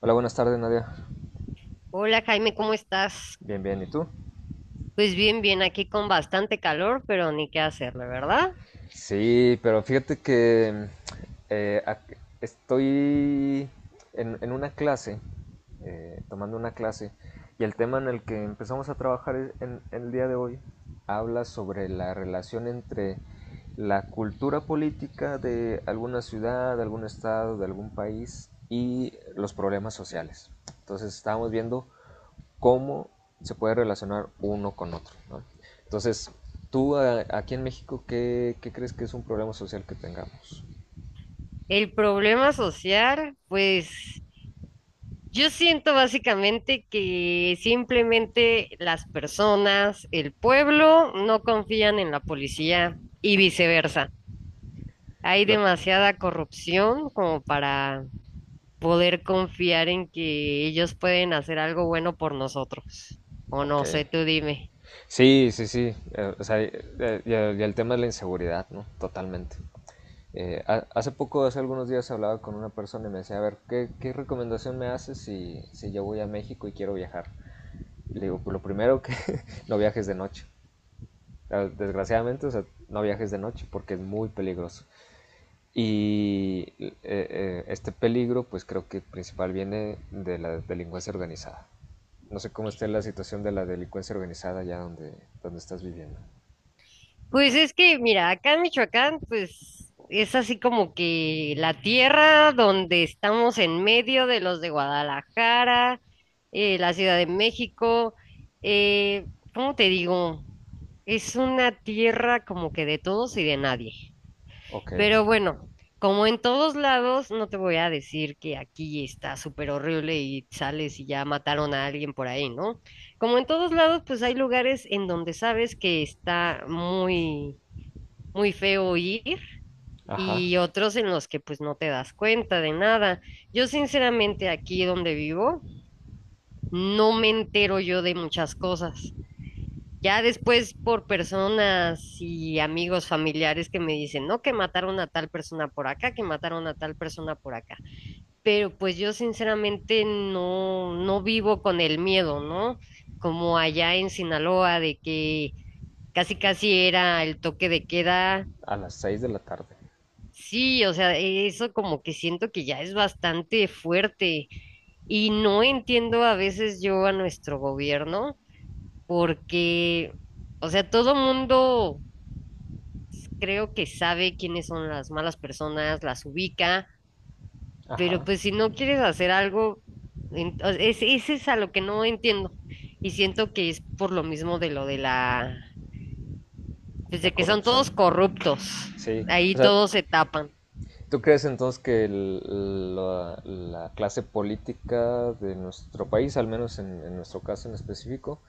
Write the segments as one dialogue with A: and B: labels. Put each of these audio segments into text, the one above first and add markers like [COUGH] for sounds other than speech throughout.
A: Hola, buenas tardes, Nadia.
B: Hola Jaime, ¿cómo estás?
A: Bien, bien, ¿y tú?
B: Pues bien, bien, aquí con bastante calor, pero ni qué hacerle, ¿verdad?
A: Sí, pero fíjate que eh, ac- estoy en una clase, tomando una clase, y el tema en el que empezamos a trabajar en el día de hoy habla sobre la relación entre la cultura política de alguna ciudad, de algún estado, de algún país y los problemas sociales. Entonces estábamos viendo cómo se puede relacionar uno con otro, ¿no? Entonces, aquí en México, ¿qué crees que es un problema social que tengamos?
B: El problema social, pues yo siento básicamente que simplemente las personas, el pueblo, no confían en la policía y viceversa. Hay
A: La...
B: demasiada corrupción como para poder confiar en que ellos pueden hacer algo bueno por nosotros. O
A: Ok.
B: no sé, tú dime.
A: Sí, sí, sí. O sea, y el tema de la inseguridad, ¿no? Totalmente. Hace poco, hace algunos días, hablaba con una persona y me decía, a ver, ¿qué recomendación me haces si yo voy a México y quiero viajar? Le digo, pues lo primero que [LAUGHS] no viajes de noche. Desgraciadamente, o sea, no viajes de noche porque es muy peligroso. Y este peligro, pues creo que principal viene de la delincuencia organizada. No sé cómo esté la situación de la delincuencia organizada allá donde estás viviendo.
B: Pues es que, mira, acá en Michoacán, pues es así como que la tierra donde estamos en medio de los de Guadalajara, la Ciudad de México. eh, ¿Cómo te digo? Es una tierra como que de todos y de nadie.
A: Ok,
B: Pero bueno, como en todos lados, no te voy a decir que aquí está súper horrible y sales y ya mataron a alguien por ahí, ¿no? Como en todos lados, pues hay lugares en donde sabes que está muy feo ir,
A: ajá.
B: y otros en los que pues no te das cuenta de nada. Yo sinceramente aquí donde vivo no me entero yo de muchas cosas. Ya después por personas y amigos familiares que me dicen, no, que mataron a tal persona por acá, que mataron a tal persona por acá. Pero pues yo sinceramente no, no vivo con el miedo, ¿no? Como allá en Sinaloa de que casi casi era el toque de queda.
A: A las 6 de la tarde.
B: Sí, o sea, eso como que siento que ya es bastante fuerte y no entiendo a veces yo a nuestro gobierno porque, o sea, todo mundo creo que sabe quiénes son las malas personas, las ubica, pero
A: Ajá.
B: pues si no quieres hacer algo, ese es a lo que no entiendo, y siento que es por lo mismo de lo de la, pues
A: La
B: de que son
A: corrupción.
B: todos corruptos,
A: Sí, o
B: ahí
A: sea,
B: todos se tapan.
A: ¿tú crees entonces que la clase política de nuestro país, al menos en nuestro caso en específico,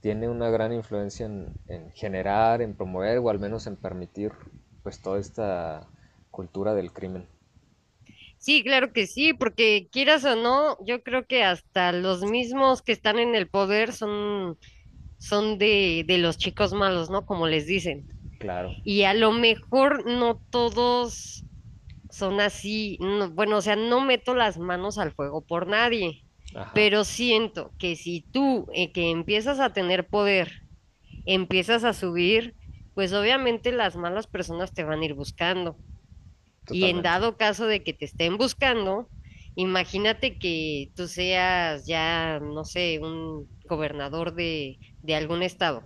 A: tiene una gran influencia en generar, en promover o al menos en permitir pues toda esta cultura del crimen?
B: Sí, claro que sí, porque quieras o no, yo creo que hasta los mismos que están en el poder son, son de los chicos malos, ¿no? Como les dicen.
A: Claro,
B: Y a lo mejor no todos son así, no, bueno, o sea, no meto las manos al fuego por nadie,
A: ajá,
B: pero siento que si tú que empiezas a tener poder, empiezas a subir, pues obviamente las malas personas te van a ir buscando. Y en
A: totalmente,
B: dado caso de que te estén buscando, imagínate que tú seas ya, no sé, un gobernador de algún estado.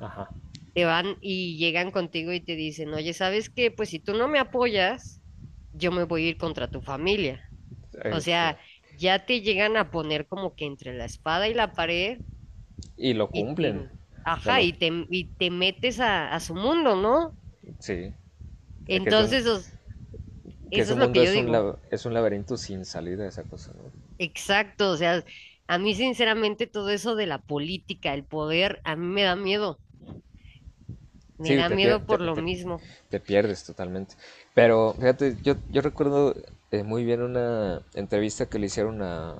A: ajá,
B: Te van y llegan contigo y te dicen, oye, ¿sabes qué? Pues si tú no me apoyas, yo me voy a ir contra tu familia. O
A: es
B: sea,
A: claro.
B: ya te llegan a poner como que entre la espada y la pared
A: Y lo
B: y
A: cumplen,
B: te,
A: o sea,
B: ajá,
A: lo,
B: y te metes a su mundo, ¿no?
A: sí, es que es un,
B: Entonces,
A: que
B: eso
A: ese
B: es lo
A: mundo
B: que yo
A: es un,
B: digo.
A: es un laberinto sin salida esa cosa, ¿no?
B: Exacto, o sea, a mí sinceramente todo eso de la política, el poder, a mí me
A: Sí,
B: da miedo por lo mismo.
A: te pierdes totalmente. Pero fíjate, yo recuerdo muy bien una entrevista que le hicieron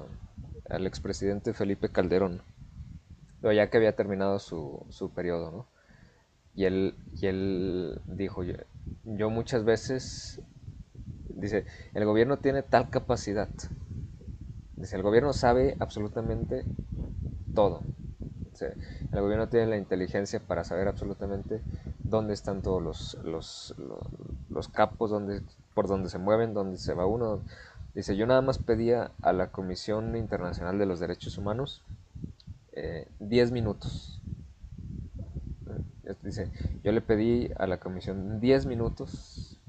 A: al expresidente Felipe Calderón, pero ya que había terminado su periodo, ¿no? Y él dijo, yo muchas veces, dice, el gobierno tiene tal capacidad, dice, el gobierno sabe absolutamente todo. O sea, el gobierno tiene la inteligencia para saber absolutamente dónde están todos los capos, dónde, por dónde se mueven, dónde se va uno. Dice, yo nada más pedía a la Comisión Internacional de los Derechos Humanos 10 10 minutos. Dice, yo le pedí a la Comisión 10 minutos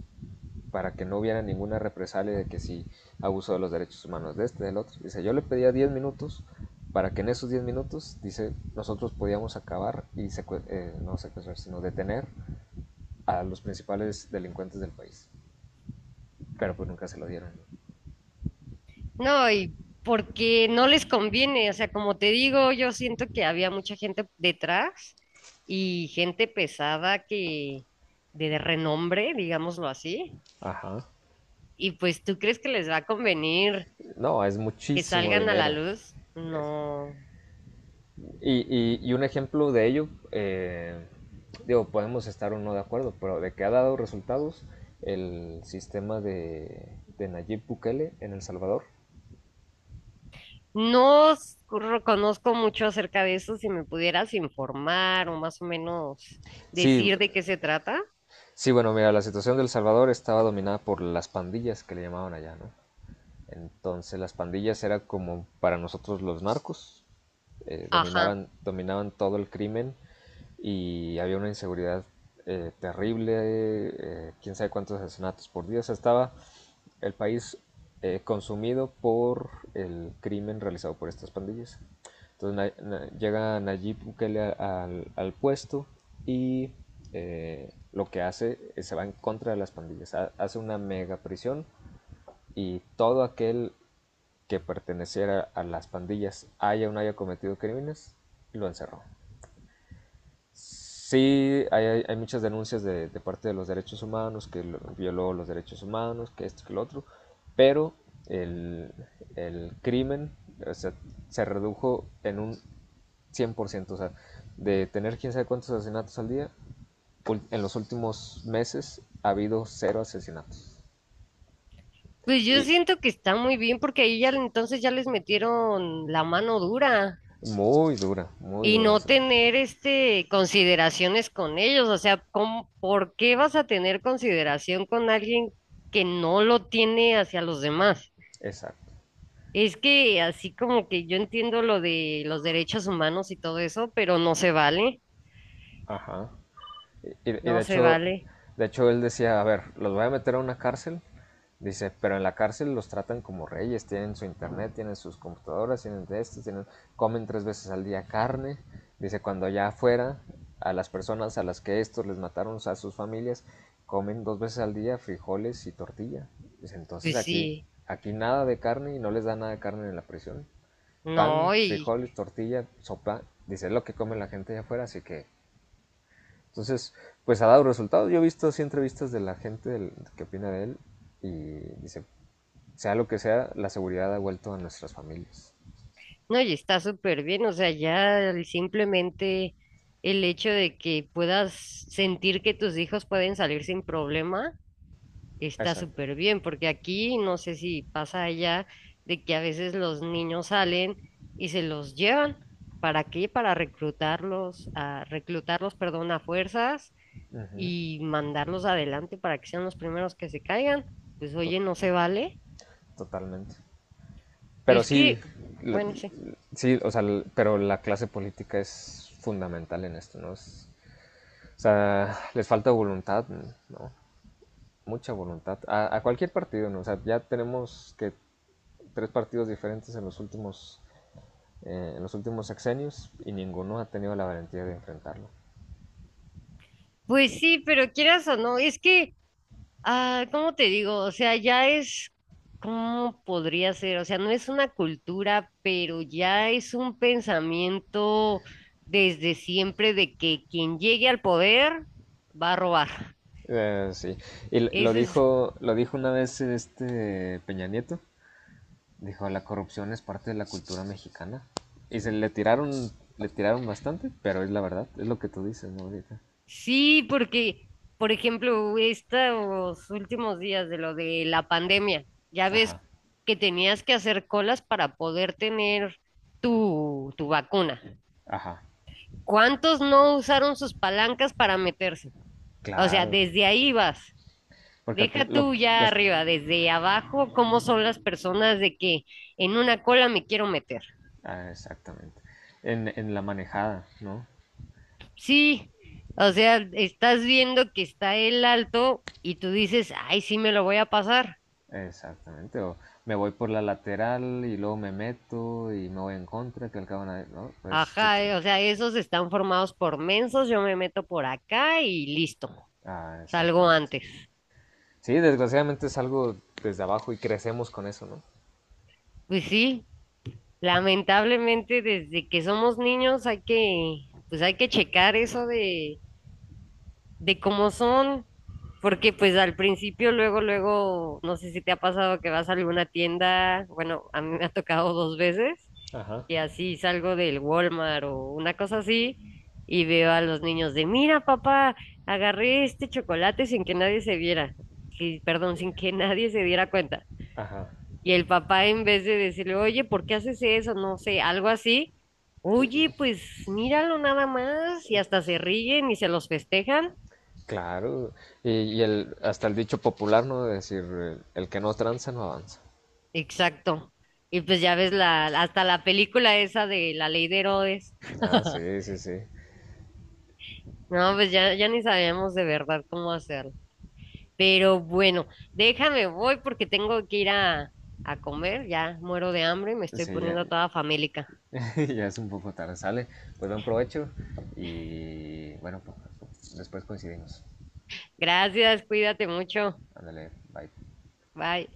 A: para que no hubiera ninguna represalia de que si abuso de los derechos humanos de este, del otro. Dice, yo le pedía 10 minutos para que en esos 10 minutos, dice, nosotros podíamos acabar y no secuestrar, sino detener a los principales delincuentes del país. Pero pues nunca se lo dieron.
B: No, y porque no les conviene, o sea, como te digo, yo siento que había mucha gente detrás y gente pesada que de renombre, digámoslo así,
A: Ajá.
B: y pues ¿tú crees que les va a convenir
A: No, es
B: que
A: muchísimo
B: salgan a la
A: dinero.
B: luz? No.
A: Y un ejemplo de ello, digo, podemos estar o no de acuerdo, pero de que ha dado resultados el sistema de Nayib Bukele en El Salvador.
B: No s- conozco mucho acerca de eso. Si me pudieras informar o más o menos
A: Sí,
B: decir de qué se trata.
A: sí, bueno, mira, la situación de El Salvador estaba dominada por las pandillas que le llamaban allá, ¿no? Entonces las pandillas eran como para nosotros los narcos,
B: Ajá.
A: dominaban todo el crimen y había una inseguridad terrible, quién sabe cuántos asesinatos por día, o sea, estaba el país consumido por el crimen realizado por estas pandillas. Entonces llega Nayib Bukele al puesto y lo que hace es se va en contra de las pandillas, hace una mega prisión y todo aquel que perteneciera a las pandillas haya o no haya cometido crímenes, lo encerró. Sí, hay muchas denuncias parte de los derechos humanos, que violó los derechos humanos, que esto, que lo otro, pero el, el crimen o se redujo en un 100%, o sea, de tener quién sabe cuántos asesinatos al día, en los últimos meses ha habido 0 asesinatos.
B: Pues yo
A: Y
B: siento que está muy bien porque ahí ya entonces ya les metieron la mano dura
A: muy dura, muy
B: y
A: dura.
B: no tener este consideraciones con ellos. O sea, ¿cómo, por qué vas a tener consideración con alguien que no lo tiene hacia los demás?
A: Exacto.
B: Es que así como que yo entiendo lo de los derechos humanos y todo eso, pero no se vale,
A: Ajá. Y, y de
B: no se
A: hecho,
B: vale.
A: de hecho él decía, a ver, los voy a meter a una cárcel. Dice, pero en la cárcel los tratan como reyes, tienen su internet, tienen sus computadoras, tienen de esto, tienen, comen tres veces al día carne. Dice, cuando allá afuera, a las personas a las que estos les mataron a sus familias, comen dos veces al día frijoles y tortilla. Dice, entonces
B: Pues
A: aquí,
B: sí,
A: aquí nada de carne y no les da nada de carne en la prisión. Pan,
B: no, y
A: frijoles, tortilla, sopa, dice, es lo que come la gente allá afuera, así que entonces, pues ha dado resultados. Yo he visto sí entrevistas de la gente que opina de él y dice, sea lo que sea, la seguridad ha vuelto a nuestras familias.
B: no, y está súper bien, o sea, ya el, simplemente el hecho de que puedas sentir que tus hijos pueden salir sin problema, está
A: Exacto.
B: súper bien, porque aquí no sé si pasa allá de que a veces los niños salen y se los llevan. ¿Para qué? Para reclutarlos, a reclutarlos, perdón, a fuerzas,
A: Ujú,
B: y mandarlos adelante para que sean los primeros que se caigan. Pues
A: to-
B: oye, no se vale.
A: totalmente. Pero
B: Es
A: sí,
B: que,
A: la-
B: bueno, sí.
A: sí, o sea, pero la clase política es fundamental en esto, ¿no? O sea, les falta voluntad, ¿no? Mucha voluntad. A cualquier partido, ¿no? O sea, ya tenemos que tres partidos diferentes en los últimos sexenios y ninguno ha tenido la valentía de enfrentarlo.
B: Pues sí, pero quieras o no, es que, ¿cómo te digo? O sea, ya es, ¿cómo podría ser? O sea, no es una cultura, pero ya es un pensamiento desde siempre de que quien llegue al poder va a robar.
A: Sí, y
B: Eso es,
A: lo dijo una vez este Peña Nieto, dijo la corrupción es parte de la cultura mexicana y le tiraron bastante, pero es la verdad, es lo que tú dices, ¿no? Ahorita.
B: sí, porque, por ejemplo, estos últimos días de lo de la pandemia, ya ves
A: Ajá,
B: que tenías que hacer colas para poder tener tu, tu vacuna.
A: ajá,
B: ¿Cuántos no usaron sus palancas para meterse? O sea,
A: claro,
B: desde ahí vas.
A: porque
B: Deja tú ya
A: los,
B: arriba, desde abajo, cómo son las personas de que en una cola me quiero meter.
A: ah, exactamente, en la manejada, ¿no?
B: Sí, o sea, estás viendo que está el alto y tú dices, ay, sí me lo voy a pasar.
A: Exactamente, o me voy por la lateral y luego me meto y me voy en contra, que al cabo nadie. No, pues tú
B: Ajá,
A: te.
B: o sea, esos están formados por mensos, yo me meto por acá y listo,
A: Ah,
B: salgo
A: exactamente.
B: antes.
A: Sí, desgraciadamente es algo desde abajo y crecemos con eso, ¿no?
B: Pues sí, lamentablemente, desde que somos niños hay que, pues hay que checar eso de cómo son, porque pues al principio, luego, luego, no sé si te ha pasado que vas a alguna tienda, bueno, a mí me ha tocado dos veces,
A: Ajá,
B: y así salgo del Walmart o una cosa así, y veo a los niños de, mira, papá, agarré este chocolate sin que nadie se viera, sí, perdón, sin que nadie se diera cuenta.
A: ajá.
B: Y el papá, en vez de decirle, oye, ¿por qué haces eso? No sé, algo así. Oye, pues míralo nada más. Y hasta se ríen y se los festejan.
A: Claro, hasta el dicho popular, ¿no? De decir, el que no tranza no avanza.
B: Exacto. Y pues ya ves la, hasta la película esa de La Ley de Herodes.
A: Ah, sí,
B: [LAUGHS]
A: sí, sí.
B: No, pues ya, ya ni sabíamos de verdad cómo hacerlo. Pero bueno, déjame, voy porque tengo que ir a comer. Ya muero de hambre y me estoy
A: Sí, ya,
B: poniendo toda famélica.
A: [LAUGHS] ya es un poco tarde, sale. Pues buen provecho y bueno, pues, después coincidimos.
B: Gracias, cuídate mucho.
A: Ándale, bye.
B: Bye.